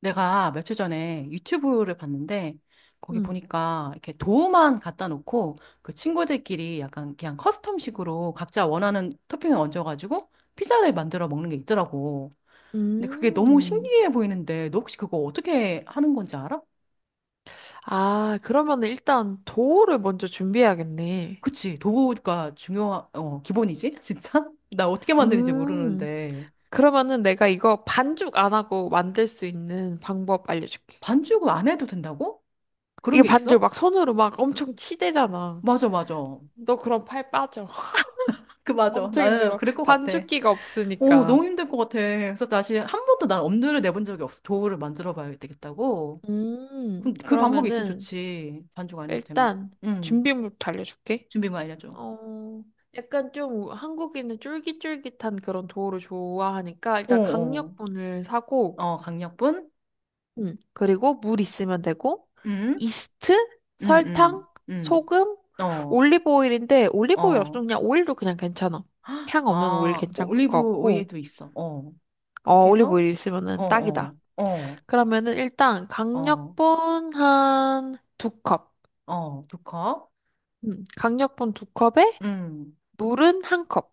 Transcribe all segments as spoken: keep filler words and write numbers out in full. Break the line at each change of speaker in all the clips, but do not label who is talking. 내가 며칠 전에 유튜브를 봤는데 거기
음.
보니까 이렇게 도우만 갖다 놓고 그 친구들끼리 약간 그냥 커스텀식으로 각자 원하는 토핑을 얹어가지고 피자를 만들어 먹는 게 있더라고. 근데 그게 너무
음.
신기해 보이는데 너 혹시 그거 어떻게 하는 건지 알아?
아, 그러면 일단 도우를 먼저 준비해야겠네.
그치. 도우가 중요한, 어, 기본이지? 진짜? 나 어떻게 만드는지
음.
모르는데
그러면은 내가 이거 반죽 안 하고 만들 수 있는 방법 알려줄게.
반죽을 안 해도 된다고? 그런
이게
게
반죽
있어?
막 손으로 막 엄청 치대잖아.
맞아, 맞아.
너 그럼 팔 빠져.
그, 맞아.
엄청
나는
힘들어.
그럴 것 같아.
반죽기가
오, 너무
없으니까.
힘들 것 같아. 그래서 다시 한 번도 난 엄두를 내본 적이 없어. 도우를 만들어 봐야 되겠다고.
음.
그럼 그 방법이 있으면
그러면은
좋지. 반죽 안 해도 되면.
일단
응.
준비물부터 알려줄게.
준비물 알려줘.
어, 약간 좀 한국인은 쫄깃쫄깃한 그런 도우를 좋아하니까
어,
일단
어.
강력분을 사고,
어, 강력분?
음, 그리고 물 있으면 되고,
응?
이스트,
응,
설탕,
응, 응.
소금,
어,
올리브 오일인데 올리브 오일
어.
없으면 그냥 오일도 그냥 괜찮아.
헉,
향 없는 오일
아,
괜찮을 것
올리브
같고,
오일도 있어. 어.
어,
그렇게
올리브
해서,
오일
어,
있으면은 딱이다.
어, 어,
그러면은 일단
어,
강력분 한 두 컵,
어. 두 컵.
음, 강력분 두 컵에
응.
물은 한 컵.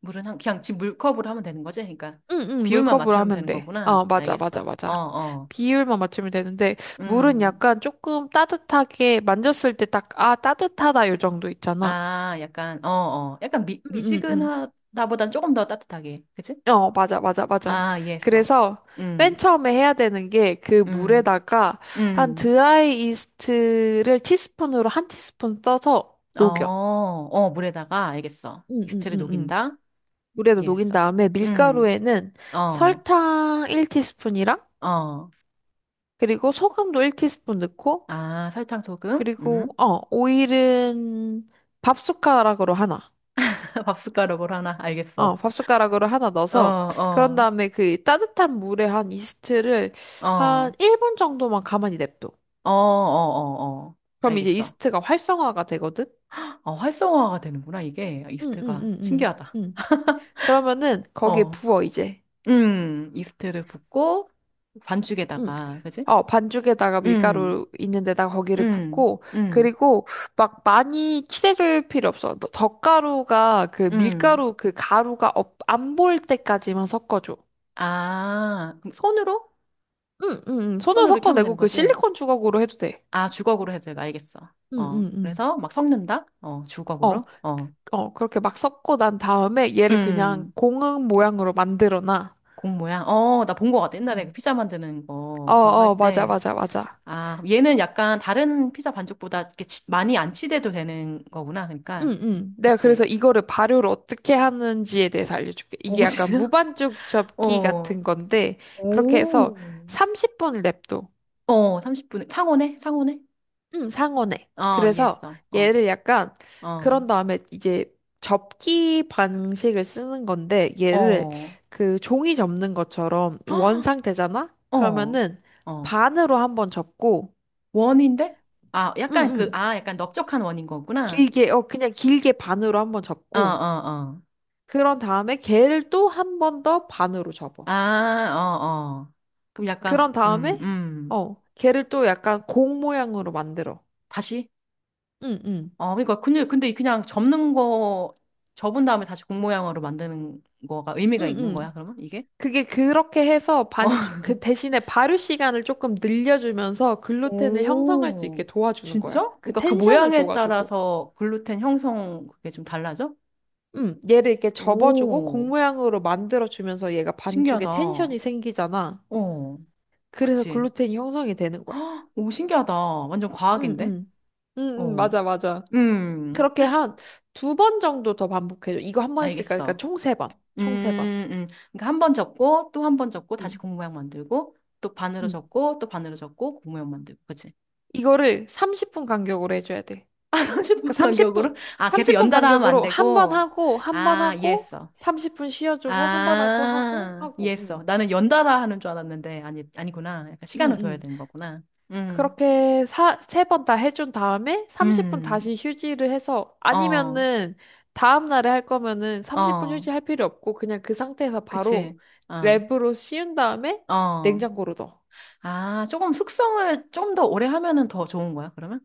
물은 한, 그냥 지금 물컵으로 하면 되는 거지? 그러니까.
응응
비율만
물컵으로
맞추면
하면
되는
돼.
거구나.
어 맞아 맞아
알겠어. 어,
맞아.
어.
비율만 맞추면 되는데 물은
음.
약간 조금 따뜻하게 만졌을 때 딱 아 따뜻하다 요 정도 있잖아.
아, 약간, 어, 어. 약간 미,
응응응.
미지근하다보단 조금 더 따뜻하게. 그치?
어 맞아 맞아 맞아.
아, 이해했어.
그래서 맨
음,
처음에 해야 되는 게 그
음,
물에다가 한
음.
드라이 이스트를 티스푼으로 한 티스푼 떠서
어,
녹여.
어, 물에다가, 알겠어. 이스트를
응응응응.
녹인다?
물에다 녹인
이해했어.
다음에
음,
밀가루에는
어,
설탕 한 티스푼이랑
어.
그리고 소금도 한 티스푼 넣고
아, 설탕, 소금? 음.
그리고 어 오일은 밥 숟가락으로 하나.
밥숟가락으로 하나?
어,
알겠어.
밥 숟가락으로 하나
어,
넣어서 그런
어,
다음에 그 따뜻한 물에 한 이스트를
어,
한
어,
일 분 정도만 가만히 냅둬.
어, 어, 어.
그럼 이제
알겠어.
이스트가 활성화가 되거든.
어, 활성화가 되는구나, 이게.
응, 응,
이스트가.
응, 응,
신기하다.
응. 그러면은 거기에
어.
부어 이제.
음, 이스트를 붓고
응.
반죽에다가, 그지?
어, 반죽에다가
음,
밀가루 있는데다가 거기를
음,
붓고
음,
그리고 막 많이 칠해줄 필요 없어. 너- 덧가루가 그
음.
밀가루 그 가루가 안 보일 때까지만 섞어줘.
아, 그럼 손으로?
응, 응, 응. 손으로
손으로 이렇게 하면 되는
섞어내고 그
거지?
실리콘 주걱으로 해도 돼.
아, 주걱으로 해서되가 알겠어.
응,
어,
응, 응.
그래서 막 섞는다? 어,
어,
주걱으로? 어,
어, 그렇게 막 섞고 난 다음에 얘를 그냥
음,
공흥 모양으로 만들어 놔.
공 모양? 어, 나 본 거 같아. 옛날에 그
음.
피자 만드는
어,
거, 그런 거 할
어, 맞아,
때.
맞아, 맞아.
아, 그럼 얘는 약간 다른 피자 반죽보다 이렇게 치- 많이 안 치대도 되는 거구나.
응.
그러니까.
응. 내가 그래서
그치?
이거를 발효를 어떻게 하는지에 대해서 알려줄게. 이게
오,
약간
진짜?
무반죽 접기
어.
같은 건데, 그렇게 해서
오.
삼십 분을 냅둬.
어, 삼십 분에. 상온에? 상온에?
응, 상온에.
어,
그래서
이해했어. 어,
얘를 약간
어,
그런 다음에 이제 접기 방식을 쓰는 건데 얘를
어,
그 종이 접는 것처럼 원
헉,
상태잖아?
어,
그러면은
어.
반으로 한번 접고
원인데? 아, 약간
응응
그, 아, 약간 넓적한 원인 거구나.
길게 어 그냥 길게 반으로 한번
어,
접고
어, 어.
그런 다음에 걔를 또 한 번 더 반으로 접어.
아, 어, 어. 그럼
그런
약간, 음,
다음에
음.
어 걔를 또 약간 공 모양으로 만들어.
다시?
응응
어, 그러니까, 근데, 근데 그냥 접는 거, 접은 다음에 다시 공 모양으로 만드는 거가 의미가 있는
응응
거야, 그러면? 이게?
그게 그렇게 해서
어.
반, 그 대신에 발효 시간을 조금 늘려주면서 글루텐을 형성할 수 있게
오,
도와주는
진짜?
거야. 그
그러니까 그
텐션을
모양에
줘가지고.
따라서 글루텐 형성 그게 좀 달라져?
음, 얘를 이렇게 접어주고 공
오,
모양으로 만들어주면서 얘가 반죽에
신기하다.
텐션이
어,
생기잖아. 그래서
그치.
글루텐이 형성이 되는 거야.
헉, 오, 신기하다. 완전
응,
과학인데?
응. 응, 응,
어,
맞아, 맞아.
음,
그렇게 한 두 번 정도 더 반복해줘. 이거 한 번 했으니까, 그러니까
알겠어.
총 세 번.
음,
총 세 번.
음. 그러니까 한 번 접고, 또 한 번 접고, 다시
응,
고무 모양 만들고, 또 반으로
응.
접고, 또 반으로 접고, 고무 모양 만들고, 그치?
이거를 삼십 분 간격으로 해줘야 돼.
삼십
그
분
삼십 분,
간격으로? 아, 계속
삼십 분
연달아 하면 안
간격으로 한 번
되고?
하고, 한 번
아,
하고,
이해했어.
삼십 분 쉬어주고, 한 번 하고, 하고,
아,
하고,
이해했어.
응.
나는 연달아 하는 줄 알았는데, 아니, 아니구나. 약간
응,
시간을 둬야
응.
되는 거구나. 음,
그렇게 사, 세 번 다 해준 다음에 삼십 분
음,
다시 휴지를 해서,
어,
아니면은, 다음 날에 할 거면은 삼십 분
어.
휴지 할 필요 없고, 그냥 그 상태에서 바로
그치. 어,
랩으로 씌운 다음에
어.
냉장고로 넣어.
아, 조금 숙성을 좀 더 오래 하면은 더 좋은 거야, 그러면?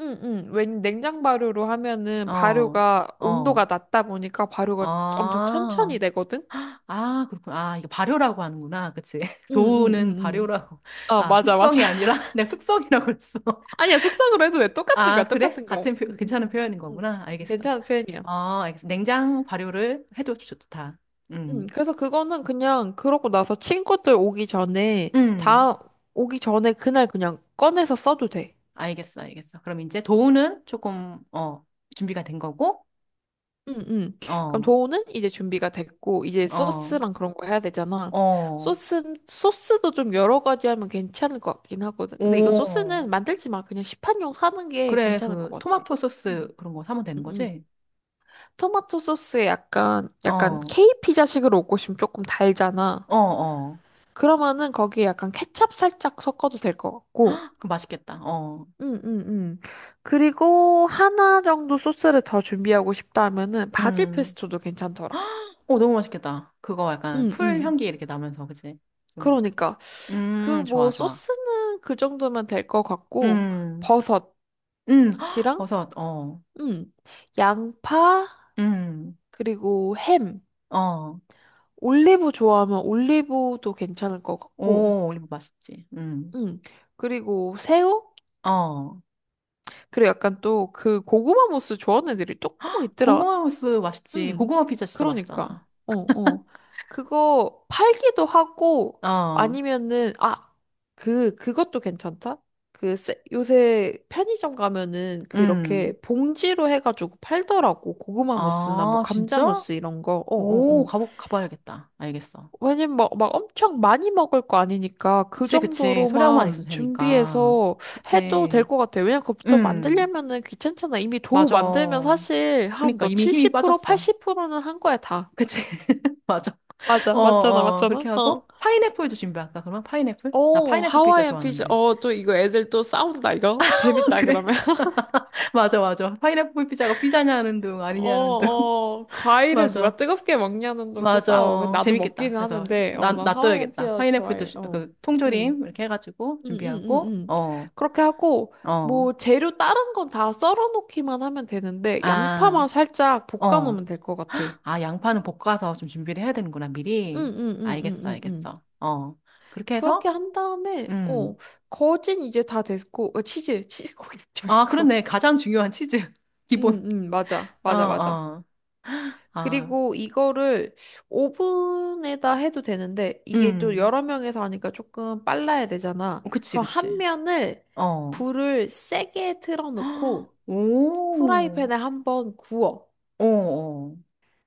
응, 응. 왜냐면 냉장 발효로 하면은
어,
발효가
어.
온도가 낮다 보니까 발효가 엄청 천천히
아,
되거든?
아, 그렇구나. 아, 이거 발효라고 하는구나. 그치.
응, 응,
도우는
응, 응.
발효라고.
어,
아,
맞아, 맞아.
숙성이 아니라 내가 숙성이라고 그랬어.
아니야, 숙성으로 해도 돼. 똑같은 거야,
아, 그래?
똑같은 거.
같은 표,
응, 응,
괜찮은
응.
표현인
응.
거구나.
응.
알겠어.
괜찮은 표현이야.
어, 알겠어. 냉장 발효를 해도 좋다.
응,
음.
그래서 그거는 그냥 그러고 나서 친구들 오기 전에,
음.
다 오기 전에 그날 그냥 꺼내서 써도 돼.
알겠어, 알겠어. 그럼 이제 도우는 조금, 어, 준비가 된 거고,
응, 응. 그럼
어,
도우는 이제 준비가 됐고, 이제
어.
소스랑 그런 거 해야 되잖아.
어,
소스, 소스도 좀 여러 가지 하면 괜찮을 것 같긴 하거든. 근데 이거
오.
소스는 만들지 마. 그냥 시판용 하는 게
그래,
괜찮을
그,
것 같아.
토마토
응.
소스 그런 거 사면 되는
응, 응.
거지?
토마토 소스에 약간, 약간
어,
케이 피자식으로 먹고 싶으면 조금 달잖아.
어, 어.
그러면은 거기에 약간 케찹 살짝 섞어도 될 것 같고.
헉, 그럼 맛있겠다. 어,
응, 응, 응. 그리고 하나 정도 소스를 더 준비하고 싶다면은 바질
음.
페스토도 괜찮더라.
어, 너무 맛있겠다. 그거 약간
응,
풀
응.
향기 이렇게 나면서, 그치? 좀.
그러니까 그
음, 좋아,
뭐
좋아.
소스는 그 정도면 될 것 같고
음,
버섯이랑
음, 헉, 버섯, 어,
응. 양파
음,
그리고 햄
어.
올리브 좋아하면 올리브도 괜찮을 것 같고
오, 올리브 맛있지. 음,
응. 그리고 새우?
어.
그리고 약간 또 그 고구마 무스 좋아하는 애들이 또 꼭 있더라.
고구마 소스 맛있지.
응.
고구마 피자 진짜 맛있잖아.
그러니까. 어, 어. 그거 팔기도 하고
어,
아니면은 아, 그 그것도 괜찮다. 그 세- 요새 편의점 가면은 그
음.
이렇게 봉지로 해가지고 팔더라고. 고구마 무스나 뭐
아,
감자
진짜?
무스 이런 거. 어, 어,
오,
어.
가보, 가봐야겠다. 알겠어.
왜냐면 막, 막 엄청 많이 먹을 거 아니니까 그
그치, 그치. 소량만
정도로만
있어도 되니까.
준비해서 해도 될
그치.
것 같아요. 왜냐면 그것도
음,
만들려면은 귀찮잖아. 이미 도우
맞아.
만들면 사실 한
그니까
너
이미 힘이
칠십 프로,
빠졌어.
팔십 프로는 한 거야, 다.
그치, 맞아.
맞아,
어,
맞잖아,
어,
맞잖아.
그렇게
어.
하고. 파인애플도 준비할까, 그러면? 파인애플? 나
오,
파인애플 피자
하와이안 피자.
좋아하는데.
어, 또 이거 애들 또 싸운다, 이거. 재밌다,
그래?
그러면.
맞아, 맞아. 파인애플 피자가 피자냐는 둥,
어,
아니냐는 둥.
어, 과일을 누가
맞아.
뜨겁게 먹냐는 둥또 싸워.
맞아.
나도
재밌겠다.
먹기는
그래서,
하는데, 어,
나,
난 하와이안
놔둬야겠다.
피자
파인애플도,
좋아해.
주-
어.
그,
음.
통조림, 이렇게 해가지고, 준비하고,
응응응응
어,
그렇게 하고,
어.
뭐, 재료 다른 건 다 썰어 놓기만 하면 되는데,
아.
양파만 살짝 볶아
어.
놓으면 될 것 같아. 응,
아, 양파는 볶아서 좀 준비를 해야 되는구나,
응,
미리.
응, 응,
알겠어,
응, 응.
알겠어. 어. 그렇게
그렇게
해서,
한 다음에,
음.
어, 거진 이제 다 됐고, 어, 치즈, 치즈 고기 넣지
아,
말고.
그렇네. 가장 중요한 치즈.
응,
기본.
응, 맞아,
어,
맞아, 맞아.
어. 아,
그리고 이거를 오븐에다 해도 되는데, 이게 또
음.
여러 명에서 하니까 조금 빨라야 되잖아.
그치,
그럼 한
그치.
면을
어.
불을 세게 틀어놓고,
오.
프라이팬에 한번 구워.
어, 어.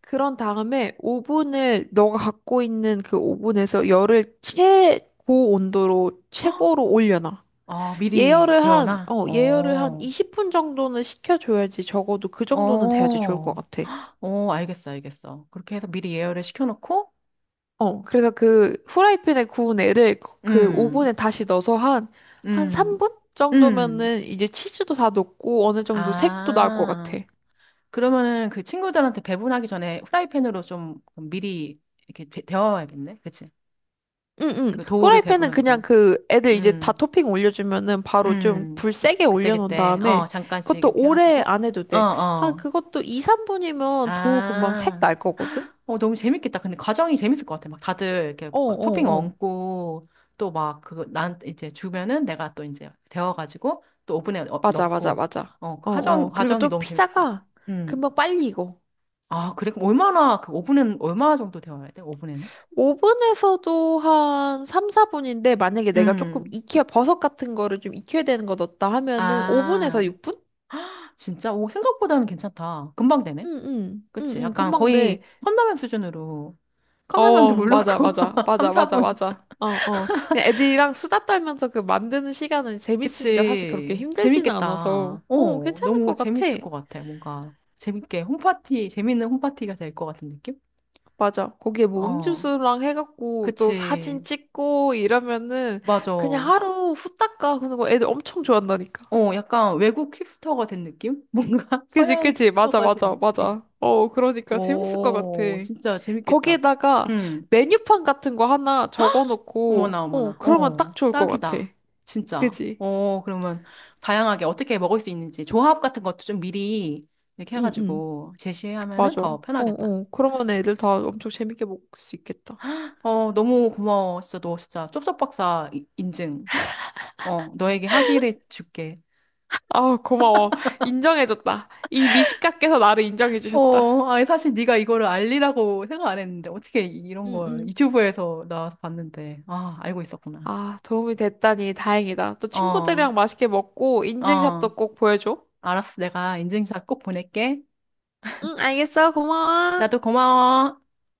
그런 다음에 오븐을 너가 갖고 있는 그 오븐에서 열을 최고 온도로 최고로 올려놔.
아, 미리
예열을 한,
데워놔?
어, 예열을 한
어.
이십 분 정도는 식혀줘야지 적어도 그 정도는 돼야지 좋을 것
어.
같아.
어, 알겠어, 알겠어. 그렇게 해서 미리 예열을 시켜놓고,
어, 그래서 그 후라이팬에 구운 애를 그 그
음,
오븐에 다시 넣어서 한, 한
음,
삼 분
음.
정도면은 이제 치즈도 다 녹고 어느 정도 색도 나올 것
아.
같아.
그러면은 그 친구들한테 배분하기 전에 프라이팬으로 좀 미리 이렇게 데- 데워야겠네 그치?
응응.
그 도우를
후라이팬은
배분하기
그냥
전에.
그 애들 이제 다
음,
토핑 올려주면은 바로 좀
음.
불 세게 올려놓은
그때그때, 어,
다음에
잠깐씩
그것도
이렇게
오래
해가지고.
안 해도
어,
돼. 한
어.
그것도 이, 삼 분이면 도 금방 색
아.
날 거거든?
어, 너무 재밌겠다. 근데 과정이 재밌을 것 같아. 막 다들 이렇게
어,
뭐 토핑
어, 어.
얹고 또 막 그거 난 이제 주면은 내가 또 이제 데워가지고 또 오븐에 어-
맞아, 맞아,
넣고.
맞아.
어, 그
어,
과정,
어. 그리고
과정이
또
너무 재밌을 것 같아.
피자가
음.
금방 빨리 익어.
아, 그래? 그럼 얼마나, 그 오븐은 얼마 정도 데워야 돼? 오븐에는?
오븐에서도 한 삼, 사 분인데 만약에 내가 조금
음.
익혀 버섯 같은 거를 좀 익혀야 되는 거 넣었다 하면은
아,
오븐에서 육 분?
진짜? 오, 생각보다는 괜찮다. 금방 되네.
응, 응. 응,
그치?
응,
약간
금방 돼.
거의 컵라면 수준으로. 컵라면도
어,
물 넣고,
맞아, 맞아,
삼,
맞아, 맞아,
사 분.
맞아. 어, 어. 그냥 애들이랑 수다 떨면서 그 만드는 시간은 재밌으니까 사실 그렇게
그치.
힘들지는 않아서,
재밌겠다.
어,
어,
괜찮을 것
너무
같아.
재밌을 것 같아. 뭔가 재밌게 홈파티, 재밌는 홈파티가 될 것 같은 느낌?
맞아. 거기에 뭐
어,
음주수랑 해갖고 또 사진
그치.
찍고 이러면은
맞아.
그냥
어,
하루 후딱 가. 그런 거 애들 엄청 좋아한다니까.
약간 외국 힙스터가 된 느낌? 뭔가
그지,
서양
그지. 맞아,
힙스터가 된
맞아,
느낌.
맞아. 어, 그러니까 재밌을 것 같아.
오, 진짜 재밌겠다.
거기에다가
음.
메뉴판 같은 거 하나
어머나,
적어놓고, 어,
어머나.
그러면
어,
딱 좋을 것 같아.
딱이다. 진짜.
그지?
어, 그러면 다양하게 어떻게 먹을 수 있는지 조합 같은 것도 좀 미리 이렇게
응, 응.
해가지고 제시하면은
맞아. 어,
더 편하겠다.
어. 그러면 애들 다 엄청 재밌게 먹을 수 있겠다.
어, 너무 고마워. 진짜 너 진짜 쩝쩝 박사 이- 인증. 어, 너에게 학위를 줄게.
아, 고마워. 인정해줬다. 이 미식가께서 나를 인정해주셨다.
어, 아니 사실 네가 이거를 알리라고 생각 안 했는데 어떻게 이- 이런
응,
걸
응.
유튜브에서 나와서 봤는데 아, 알고 있었구나.
아, 도움이 됐다니 다행이다. 또
어,
친구들이랑 맛있게 먹고
어,
인증샷도 꼭 보여줘.
알았어. 내가 인증샷 꼭 보낼게.
응, 알겠어. 고마워.
나도 고마워.